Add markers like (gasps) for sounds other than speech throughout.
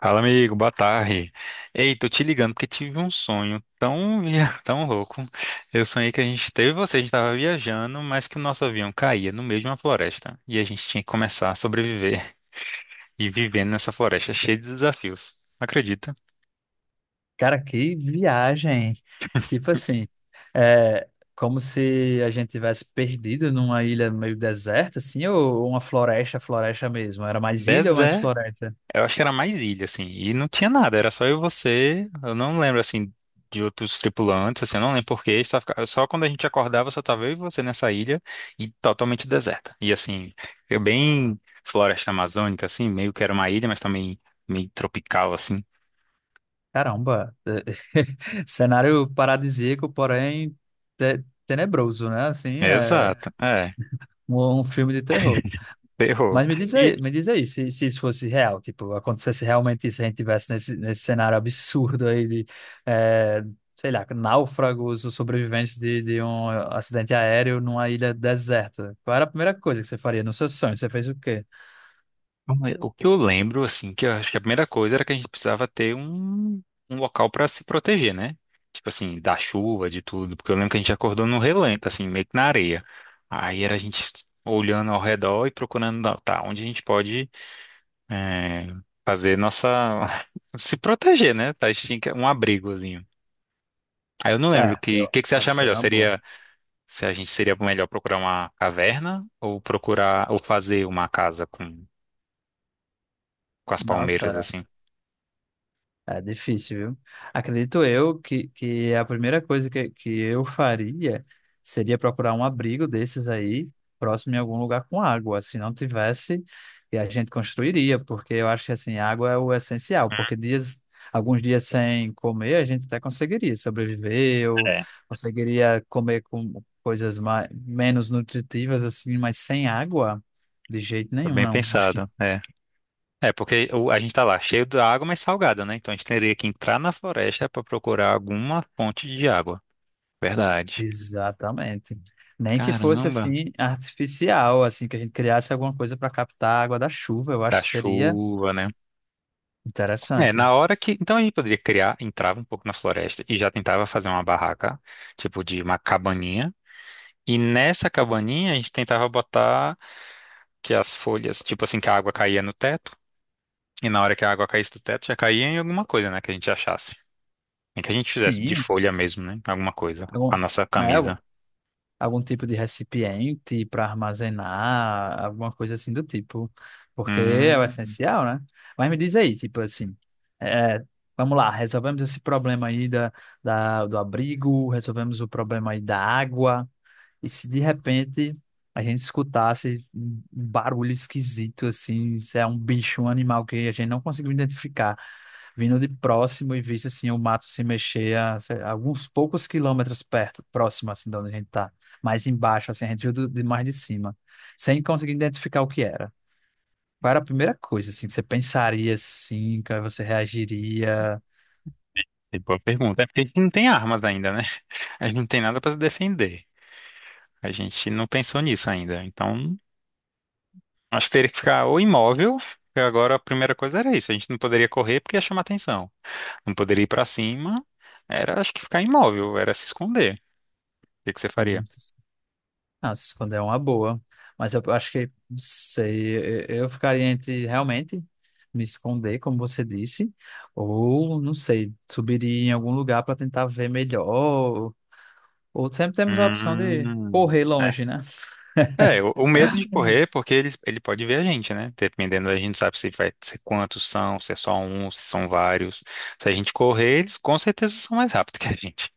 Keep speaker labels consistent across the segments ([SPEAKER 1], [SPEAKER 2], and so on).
[SPEAKER 1] Fala, amigo, boa tarde. Ei, tô te ligando porque tive um sonho tão, (laughs) tão louco. Eu sonhei que a gente teve você, a gente tava viajando, mas que o nosso avião caía no meio de uma floresta e a gente tinha que começar a sobreviver e vivendo nessa floresta cheia de desafios. Acredita?
[SPEAKER 2] Cara, que viagem! Tipo assim, é como se a gente tivesse perdido numa ilha meio deserta, assim, ou uma floresta, floresta mesmo. Era mais ilha ou mais floresta?
[SPEAKER 1] Eu acho que era mais ilha, assim, e não tinha nada, era só eu e você. Eu não lembro, assim, de outros tripulantes, assim, eu não lembro porquê. Só, só quando a gente acordava, só tava eu e você nessa ilha e totalmente deserta. E, assim, eu bem floresta amazônica, assim, meio que era uma ilha, mas também meio tropical, assim.
[SPEAKER 2] Caramba! (laughs) Cenário paradisíaco, porém tenebroso, né? Assim, é
[SPEAKER 1] Exato, é,
[SPEAKER 2] um filme de terror.
[SPEAKER 1] ferrou.
[SPEAKER 2] Mas me diz aí se isso fosse real, tipo, acontecesse realmente isso, a gente tivesse nesse cenário absurdo aí de, eh, sei lá, náufragos ou sobreviventes de um acidente aéreo numa ilha deserta. Qual era a primeira coisa que você faria no seu sonho? Você fez o quê?
[SPEAKER 1] O que eu lembro, assim, que eu acho que a primeira coisa era que a gente precisava ter um, um local para se proteger, né? Tipo assim, da chuva, de tudo. Porque eu lembro que a gente acordou no relento, assim, meio que na areia. Aí era a gente olhando ao redor e procurando, não, tá, onde a gente pode é, fazer nossa. (laughs) Se proteger, né? Tá, a gente tinha um abrigozinho. Aí eu não lembro
[SPEAKER 2] É,
[SPEAKER 1] que,
[SPEAKER 2] eu
[SPEAKER 1] que, que você
[SPEAKER 2] acho
[SPEAKER 1] achar
[SPEAKER 2] que
[SPEAKER 1] melhor.
[SPEAKER 2] seria uma boa.
[SPEAKER 1] Seria se a gente seria melhor procurar uma caverna ou procurar ou fazer uma casa com as palmeiras,
[SPEAKER 2] Nossa,
[SPEAKER 1] assim.
[SPEAKER 2] é difícil, viu? Acredito eu que a primeira coisa que eu faria seria procurar um abrigo desses aí, próximo em algum lugar com água. Se não tivesse, e a gente construiria, porque eu acho que assim, água é o essencial, porque dias, alguns dias sem comer, a gente até conseguiria sobreviver, ou conseguiria comer com coisas mais, menos nutritivas, assim, mas sem água, de jeito
[SPEAKER 1] Foi
[SPEAKER 2] nenhum,
[SPEAKER 1] bem
[SPEAKER 2] não. Acho que
[SPEAKER 1] pensado, é. É, porque a gente tá lá cheio da água, mas salgada, né? Então a gente teria que entrar na floresta para procurar alguma fonte de água. Verdade.
[SPEAKER 2] exatamente. Nem que fosse
[SPEAKER 1] Caramba.
[SPEAKER 2] assim artificial, assim que a gente criasse alguma coisa para captar a água da chuva, eu acho
[SPEAKER 1] Da
[SPEAKER 2] que seria
[SPEAKER 1] chuva, né? É,
[SPEAKER 2] interessante.
[SPEAKER 1] na hora que. Então a gente poderia criar, entrava um pouco na floresta e já tentava fazer uma barraca, tipo de uma cabaninha. E nessa cabaninha a gente tentava botar que as folhas, tipo assim, que a água caía no teto. E na hora que a água caísse do teto, já caía em alguma coisa, né? Que a gente achasse. Nem que a gente fizesse de
[SPEAKER 2] Sim,
[SPEAKER 1] folha mesmo, né? Alguma coisa. Com a
[SPEAKER 2] algum,
[SPEAKER 1] nossa
[SPEAKER 2] né, algum,
[SPEAKER 1] camisa.
[SPEAKER 2] algum tipo de recipiente para armazenar, alguma coisa assim do tipo, porque é o
[SPEAKER 1] Hum,
[SPEAKER 2] essencial, né? Mas me diz aí, tipo assim, é, é, vamos lá, resolvemos esse problema aí da, da, do abrigo, resolvemos o problema aí da água. E se de repente a gente escutasse um barulho esquisito, assim, se é um bicho, um animal que a gente não conseguiu identificar, vindo de próximo e visse, assim, o mato se mexer a, sei lá, alguns poucos quilômetros perto, próximo, assim, de onde a gente tá, mais embaixo, assim, a gente viu de mais de cima, sem conseguir identificar o que era. Qual era a primeira coisa, assim, que você pensaria, assim, que você reagiria?
[SPEAKER 1] é boa pergunta. É porque a gente não tem armas ainda, né? A gente não tem nada pra se defender. A gente não pensou nisso ainda. Então, acho que teria que ficar ou imóvel. Porque Agora a primeira coisa era isso. A gente não poderia correr porque ia chamar atenção. Não poderia ir pra cima. Era, acho que ficar imóvel, era se esconder. O que você faria?
[SPEAKER 2] Não, se esconder é uma boa. Mas eu acho que, não sei, eu ficaria entre realmente me esconder, como você disse, ou, não sei, subiria em algum lugar para tentar ver melhor. Ou sempre temos a opção de
[SPEAKER 1] Hum,
[SPEAKER 2] correr longe, né?
[SPEAKER 1] É, o medo de correr, é
[SPEAKER 2] (laughs)
[SPEAKER 1] porque ele pode ver a gente, né? Dependendo, a gente sabe se vai se quantos são, se é só um, se são vários. Se a gente correr, eles com certeza são mais rápidos que a gente.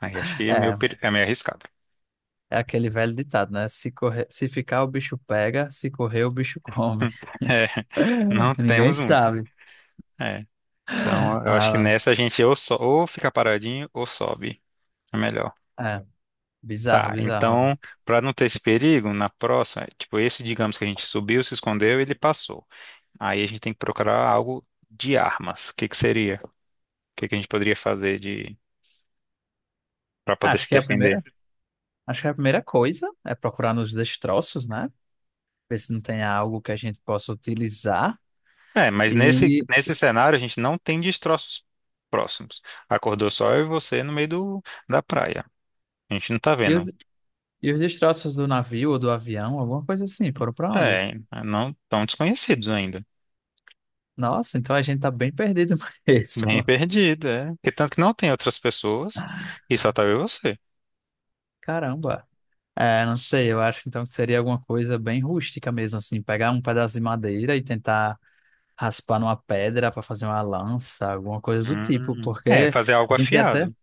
[SPEAKER 1] Aí acho que é meio,
[SPEAKER 2] É,
[SPEAKER 1] é meio arriscado.
[SPEAKER 2] é aquele velho ditado, né? Se correr, se ficar, o bicho pega, se correr, o bicho come.
[SPEAKER 1] (laughs) É,
[SPEAKER 2] (laughs)
[SPEAKER 1] não
[SPEAKER 2] Ninguém
[SPEAKER 1] temos muito.
[SPEAKER 2] sabe.
[SPEAKER 1] É, então eu acho que
[SPEAKER 2] Ah,
[SPEAKER 1] nessa a gente ou, ou fica paradinho ou sobe. É melhor.
[SPEAKER 2] é, bizarro,
[SPEAKER 1] Tá,
[SPEAKER 2] bizarro.
[SPEAKER 1] então, para não ter esse perigo, na próxima, tipo, esse, digamos que a gente subiu, se escondeu, ele passou. Aí a gente tem que procurar algo de armas. O que que seria? Que a gente poderia fazer de para poder
[SPEAKER 2] Acho
[SPEAKER 1] se
[SPEAKER 2] que é a
[SPEAKER 1] defender?
[SPEAKER 2] primeira, acho que é a primeira coisa é procurar nos destroços, né? Ver se não tem algo que a gente possa utilizar.
[SPEAKER 1] É, mas nesse
[SPEAKER 2] E,
[SPEAKER 1] nesse cenário a gente não tem destroços próximos. Acordou só eu e você no meio do, da praia. A gente não tá
[SPEAKER 2] e, os,
[SPEAKER 1] vendo.
[SPEAKER 2] e os destroços do navio ou do avião, alguma coisa assim, foram para onde?
[SPEAKER 1] É, não tão desconhecidos ainda.
[SPEAKER 2] Nossa, então a gente tá bem perdido (laughs)
[SPEAKER 1] Bem
[SPEAKER 2] mesmo.
[SPEAKER 1] perdido, é. Porque tanto que não tem outras pessoas e só tá eu e você.
[SPEAKER 2] Caramba. É, não sei, eu acho então que seria alguma coisa bem rústica mesmo, assim, pegar um pedaço de madeira e tentar raspar numa pedra para fazer uma lança, alguma coisa do tipo,
[SPEAKER 1] É,
[SPEAKER 2] porque
[SPEAKER 1] fazer
[SPEAKER 2] a
[SPEAKER 1] algo
[SPEAKER 2] gente ia até,
[SPEAKER 1] afiado.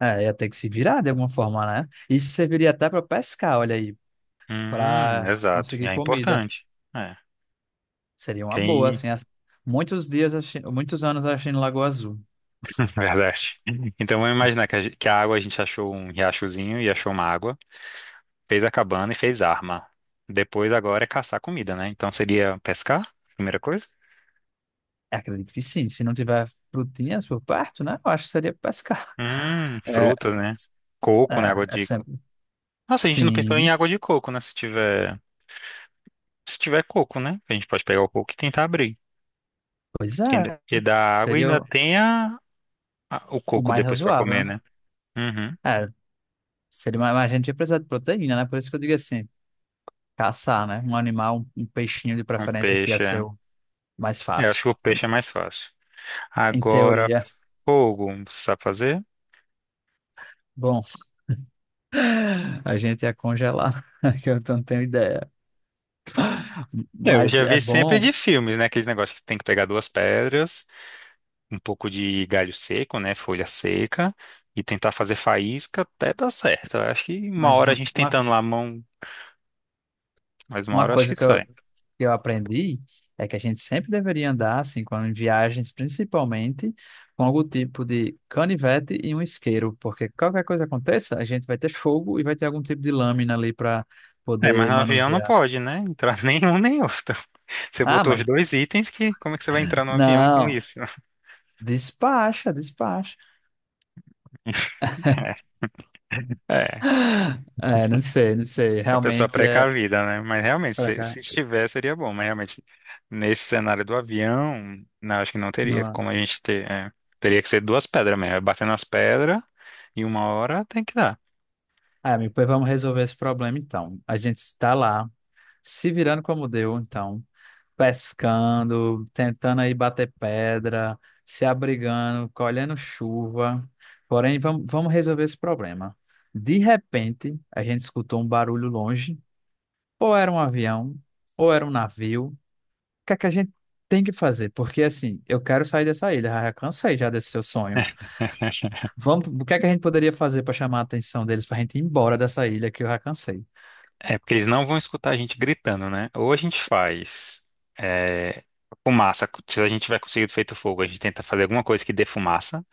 [SPEAKER 2] é, ia ter que se virar de alguma forma, né? Isso serviria até para pescar, olha aí, para
[SPEAKER 1] Exato. E
[SPEAKER 2] conseguir
[SPEAKER 1] é
[SPEAKER 2] comida.
[SPEAKER 1] importante. É.
[SPEAKER 2] Seria uma boa,
[SPEAKER 1] Quem...
[SPEAKER 2] assim. Muitos dias, muitos anos assistindo Lagoa Azul.
[SPEAKER 1] (laughs) Verdade. Então vamos imaginar que que a água a gente achou um riachozinho e achou uma água. Fez a cabana e fez arma. Depois agora é caçar comida, né? Então seria pescar, primeira coisa.
[SPEAKER 2] É, acredito que sim. Se não tiver frutinhas por perto, né? Eu acho que seria pescar. (laughs) É,
[SPEAKER 1] Frutas, né? Coco, né? Água
[SPEAKER 2] é
[SPEAKER 1] de...
[SPEAKER 2] sempre.
[SPEAKER 1] Nossa, a gente não pensou em
[SPEAKER 2] Sim,
[SPEAKER 1] água de coco, né? Se tiver... Se tiver coco, né? A gente pode pegar o coco e tentar abrir.
[SPEAKER 2] pois é.
[SPEAKER 1] Porque dá água e
[SPEAKER 2] Seria
[SPEAKER 1] ainda tem a... o
[SPEAKER 2] o
[SPEAKER 1] coco
[SPEAKER 2] mais
[SPEAKER 1] depois pra
[SPEAKER 2] razoável,
[SPEAKER 1] comer,
[SPEAKER 2] né?
[SPEAKER 1] né? Uhum.
[SPEAKER 2] É, seria mais, a gente ia precisar de proteína, né? Por isso que eu digo assim, caçar, né? Um animal, um peixinho de
[SPEAKER 1] Um
[SPEAKER 2] preferência que ia
[SPEAKER 1] peixe,
[SPEAKER 2] ser
[SPEAKER 1] é.
[SPEAKER 2] o mais
[SPEAKER 1] É, eu acho
[SPEAKER 2] fácil.
[SPEAKER 1] que o peixe é mais fácil.
[SPEAKER 2] Em
[SPEAKER 1] Agora,
[SPEAKER 2] teoria,
[SPEAKER 1] fogo, você sabe fazer?
[SPEAKER 2] bom, (laughs) a gente ia congelar, (laughs) que eu não tenho ideia.
[SPEAKER 1] É, eu
[SPEAKER 2] Mas
[SPEAKER 1] já
[SPEAKER 2] é
[SPEAKER 1] vi sempre
[SPEAKER 2] bom.
[SPEAKER 1] de filmes, né? Aqueles negócios que tem que pegar duas pedras um pouco de galho seco, né? Folha seca. E tentar fazer faísca até dar certo. Eu acho que uma
[SPEAKER 2] Mas
[SPEAKER 1] hora a
[SPEAKER 2] um,
[SPEAKER 1] gente
[SPEAKER 2] uma,
[SPEAKER 1] tentando lá a mão, mas uma
[SPEAKER 2] uma
[SPEAKER 1] hora eu acho que
[SPEAKER 2] coisa que
[SPEAKER 1] sai.
[SPEAKER 2] eu aprendi é que a gente sempre deveria andar, assim, quando em viagens, principalmente, com algum tipo de canivete e um isqueiro, porque qualquer coisa aconteça, a gente vai ter fogo e vai ter algum tipo de lâmina ali para
[SPEAKER 1] É, mas
[SPEAKER 2] poder
[SPEAKER 1] no avião não
[SPEAKER 2] manusear.
[SPEAKER 1] pode, né? Entrar (laughs) nenhum nem outro. Você
[SPEAKER 2] Ah,
[SPEAKER 1] botou os
[SPEAKER 2] mas
[SPEAKER 1] dois itens que como é que você vai entrar no avião com
[SPEAKER 2] não,
[SPEAKER 1] isso?
[SPEAKER 2] despacha, despacha.
[SPEAKER 1] (laughs) É, é,
[SPEAKER 2] (gasps) É, não sei, não sei.
[SPEAKER 1] a pessoa
[SPEAKER 2] Realmente é
[SPEAKER 1] precavida, né? Mas realmente,
[SPEAKER 2] para
[SPEAKER 1] se,
[SPEAKER 2] cá.
[SPEAKER 1] se estiver, seria bom. Mas realmente, nesse cenário do avião, não, acho que não teria
[SPEAKER 2] Não.
[SPEAKER 1] como a gente ter. É. Teria que ser duas pedras mesmo. É, batendo as pedras e uma hora tem que dar.
[SPEAKER 2] Ah, amigo, pois vamos resolver esse problema então. A gente está lá, se virando como deu, então. Pescando, tentando aí bater pedra, se abrigando, colhendo chuva. Porém, vamos, vamos resolver esse problema. De repente, a gente escutou um barulho longe, ou era um avião, ou era um navio. O que é que a gente tem que fazer? Porque assim, eu quero sair dessa ilha, já cansei já desse seu sonho.
[SPEAKER 1] (laughs)
[SPEAKER 2] Vamos, o que é que a gente poderia fazer para chamar a atenção deles para a gente ir embora dessa ilha que eu já cansei?
[SPEAKER 1] É porque eles não vão escutar a gente gritando, né? Ou a gente faz é, fumaça, se a gente tiver conseguido feito fogo, a gente tenta fazer alguma coisa que dê fumaça,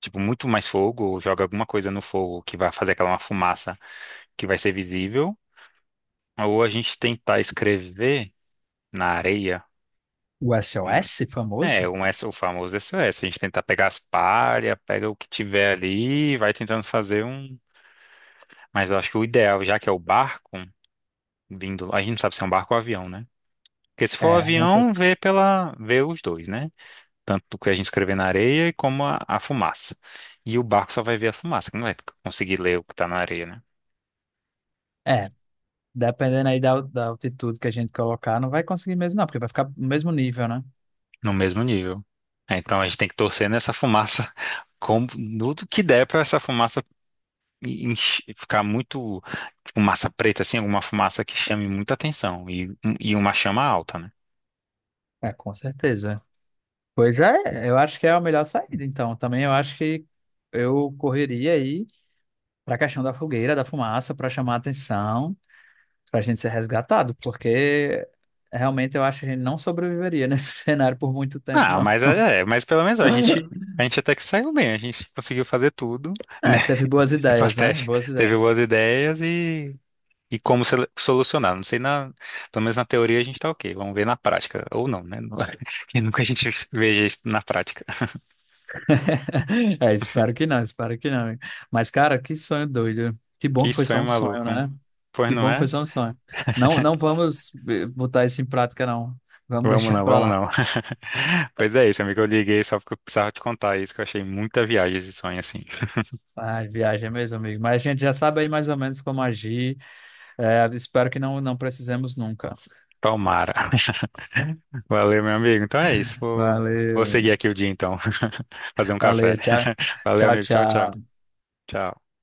[SPEAKER 1] tipo muito mais fogo, ou joga alguma coisa no fogo que vai fazer aquela uma fumaça que vai ser visível, ou a gente tentar escrever na areia.
[SPEAKER 2] O
[SPEAKER 1] um-
[SPEAKER 2] SOS
[SPEAKER 1] É,
[SPEAKER 2] famoso?
[SPEAKER 1] um S, o famoso SOS. A gente tentar pegar as palhas, pega o que tiver ali, e vai tentando fazer um. Mas eu acho que o ideal, já que é o barco vindo, a gente não sabe se é um barco ou avião, né? Porque se for o
[SPEAKER 2] É, né?
[SPEAKER 1] avião, vê pela, vê os dois, né? Tanto o que a gente escrever na areia como a fumaça. E o barco só vai ver a fumaça, que não vai conseguir ler o que tá na areia, né?
[SPEAKER 2] É. Dependendo aí da, da altitude que a gente colocar, não vai conseguir mesmo, não, porque vai ficar no mesmo nível, né?
[SPEAKER 1] No mesmo nível. É, então a gente tem que torcer nessa fumaça, (laughs) como tudo que der para essa fumaça ficar muito fumaça preta, assim, alguma fumaça que chame muita atenção e uma chama alta, né?
[SPEAKER 2] É, com certeza. Pois é, eu acho que é a melhor saída, então. Também eu acho que eu correria aí para a questão da fogueira, da fumaça, para chamar a atenção, para a gente ser resgatado, porque realmente eu acho que a gente não sobreviveria nesse (laughs) cenário por muito tempo,
[SPEAKER 1] Ah,
[SPEAKER 2] não.
[SPEAKER 1] mas é, é, mas pelo menos
[SPEAKER 2] (laughs)
[SPEAKER 1] a gente até que saiu bem, a gente conseguiu fazer tudo, né?
[SPEAKER 2] É,
[SPEAKER 1] (laughs)
[SPEAKER 2] teve boas
[SPEAKER 1] Tipo, as
[SPEAKER 2] ideias, né?
[SPEAKER 1] testes,
[SPEAKER 2] Boas
[SPEAKER 1] teve
[SPEAKER 2] ideias.
[SPEAKER 1] boas ideias e como solucionar. Não sei, na, pelo menos na teoria a gente tá ok. Vamos ver na prática. Ou não, né? (laughs) Que nunca a gente (laughs) veja isso na prática.
[SPEAKER 2] (laughs) É, espero que não, espero que não. Mas, cara, que sonho doido. Que bom
[SPEAKER 1] Que
[SPEAKER 2] que foi só
[SPEAKER 1] sonho
[SPEAKER 2] um sonho,
[SPEAKER 1] maluco.
[SPEAKER 2] né?
[SPEAKER 1] Pois
[SPEAKER 2] Que
[SPEAKER 1] não
[SPEAKER 2] bom que
[SPEAKER 1] é?
[SPEAKER 2] foi só um sonho. Não, não vamos botar isso em prática, não. Vamos
[SPEAKER 1] Vamos
[SPEAKER 2] deixar
[SPEAKER 1] não,
[SPEAKER 2] pra
[SPEAKER 1] vamos
[SPEAKER 2] lá.
[SPEAKER 1] não. (laughs) Pois é isso, amigo. Eu liguei só porque eu precisava te contar isso, que eu achei muita viagem esse sonho assim. (laughs)
[SPEAKER 2] Ah, viagem é mesmo, amigo. Mas a gente já sabe aí mais ou menos como agir. É, espero que não, não precisemos nunca.
[SPEAKER 1] Palmara. (laughs) Valeu, meu amigo. Então é isso. Vou,
[SPEAKER 2] Valeu,
[SPEAKER 1] vou seguir
[SPEAKER 2] amigo.
[SPEAKER 1] aqui o dia então. (laughs) Fazer um café.
[SPEAKER 2] Valeu. Tchau,
[SPEAKER 1] (laughs) Valeu,
[SPEAKER 2] tchau,
[SPEAKER 1] amigo. Tchau, tchau.
[SPEAKER 2] tchau.
[SPEAKER 1] Tchau.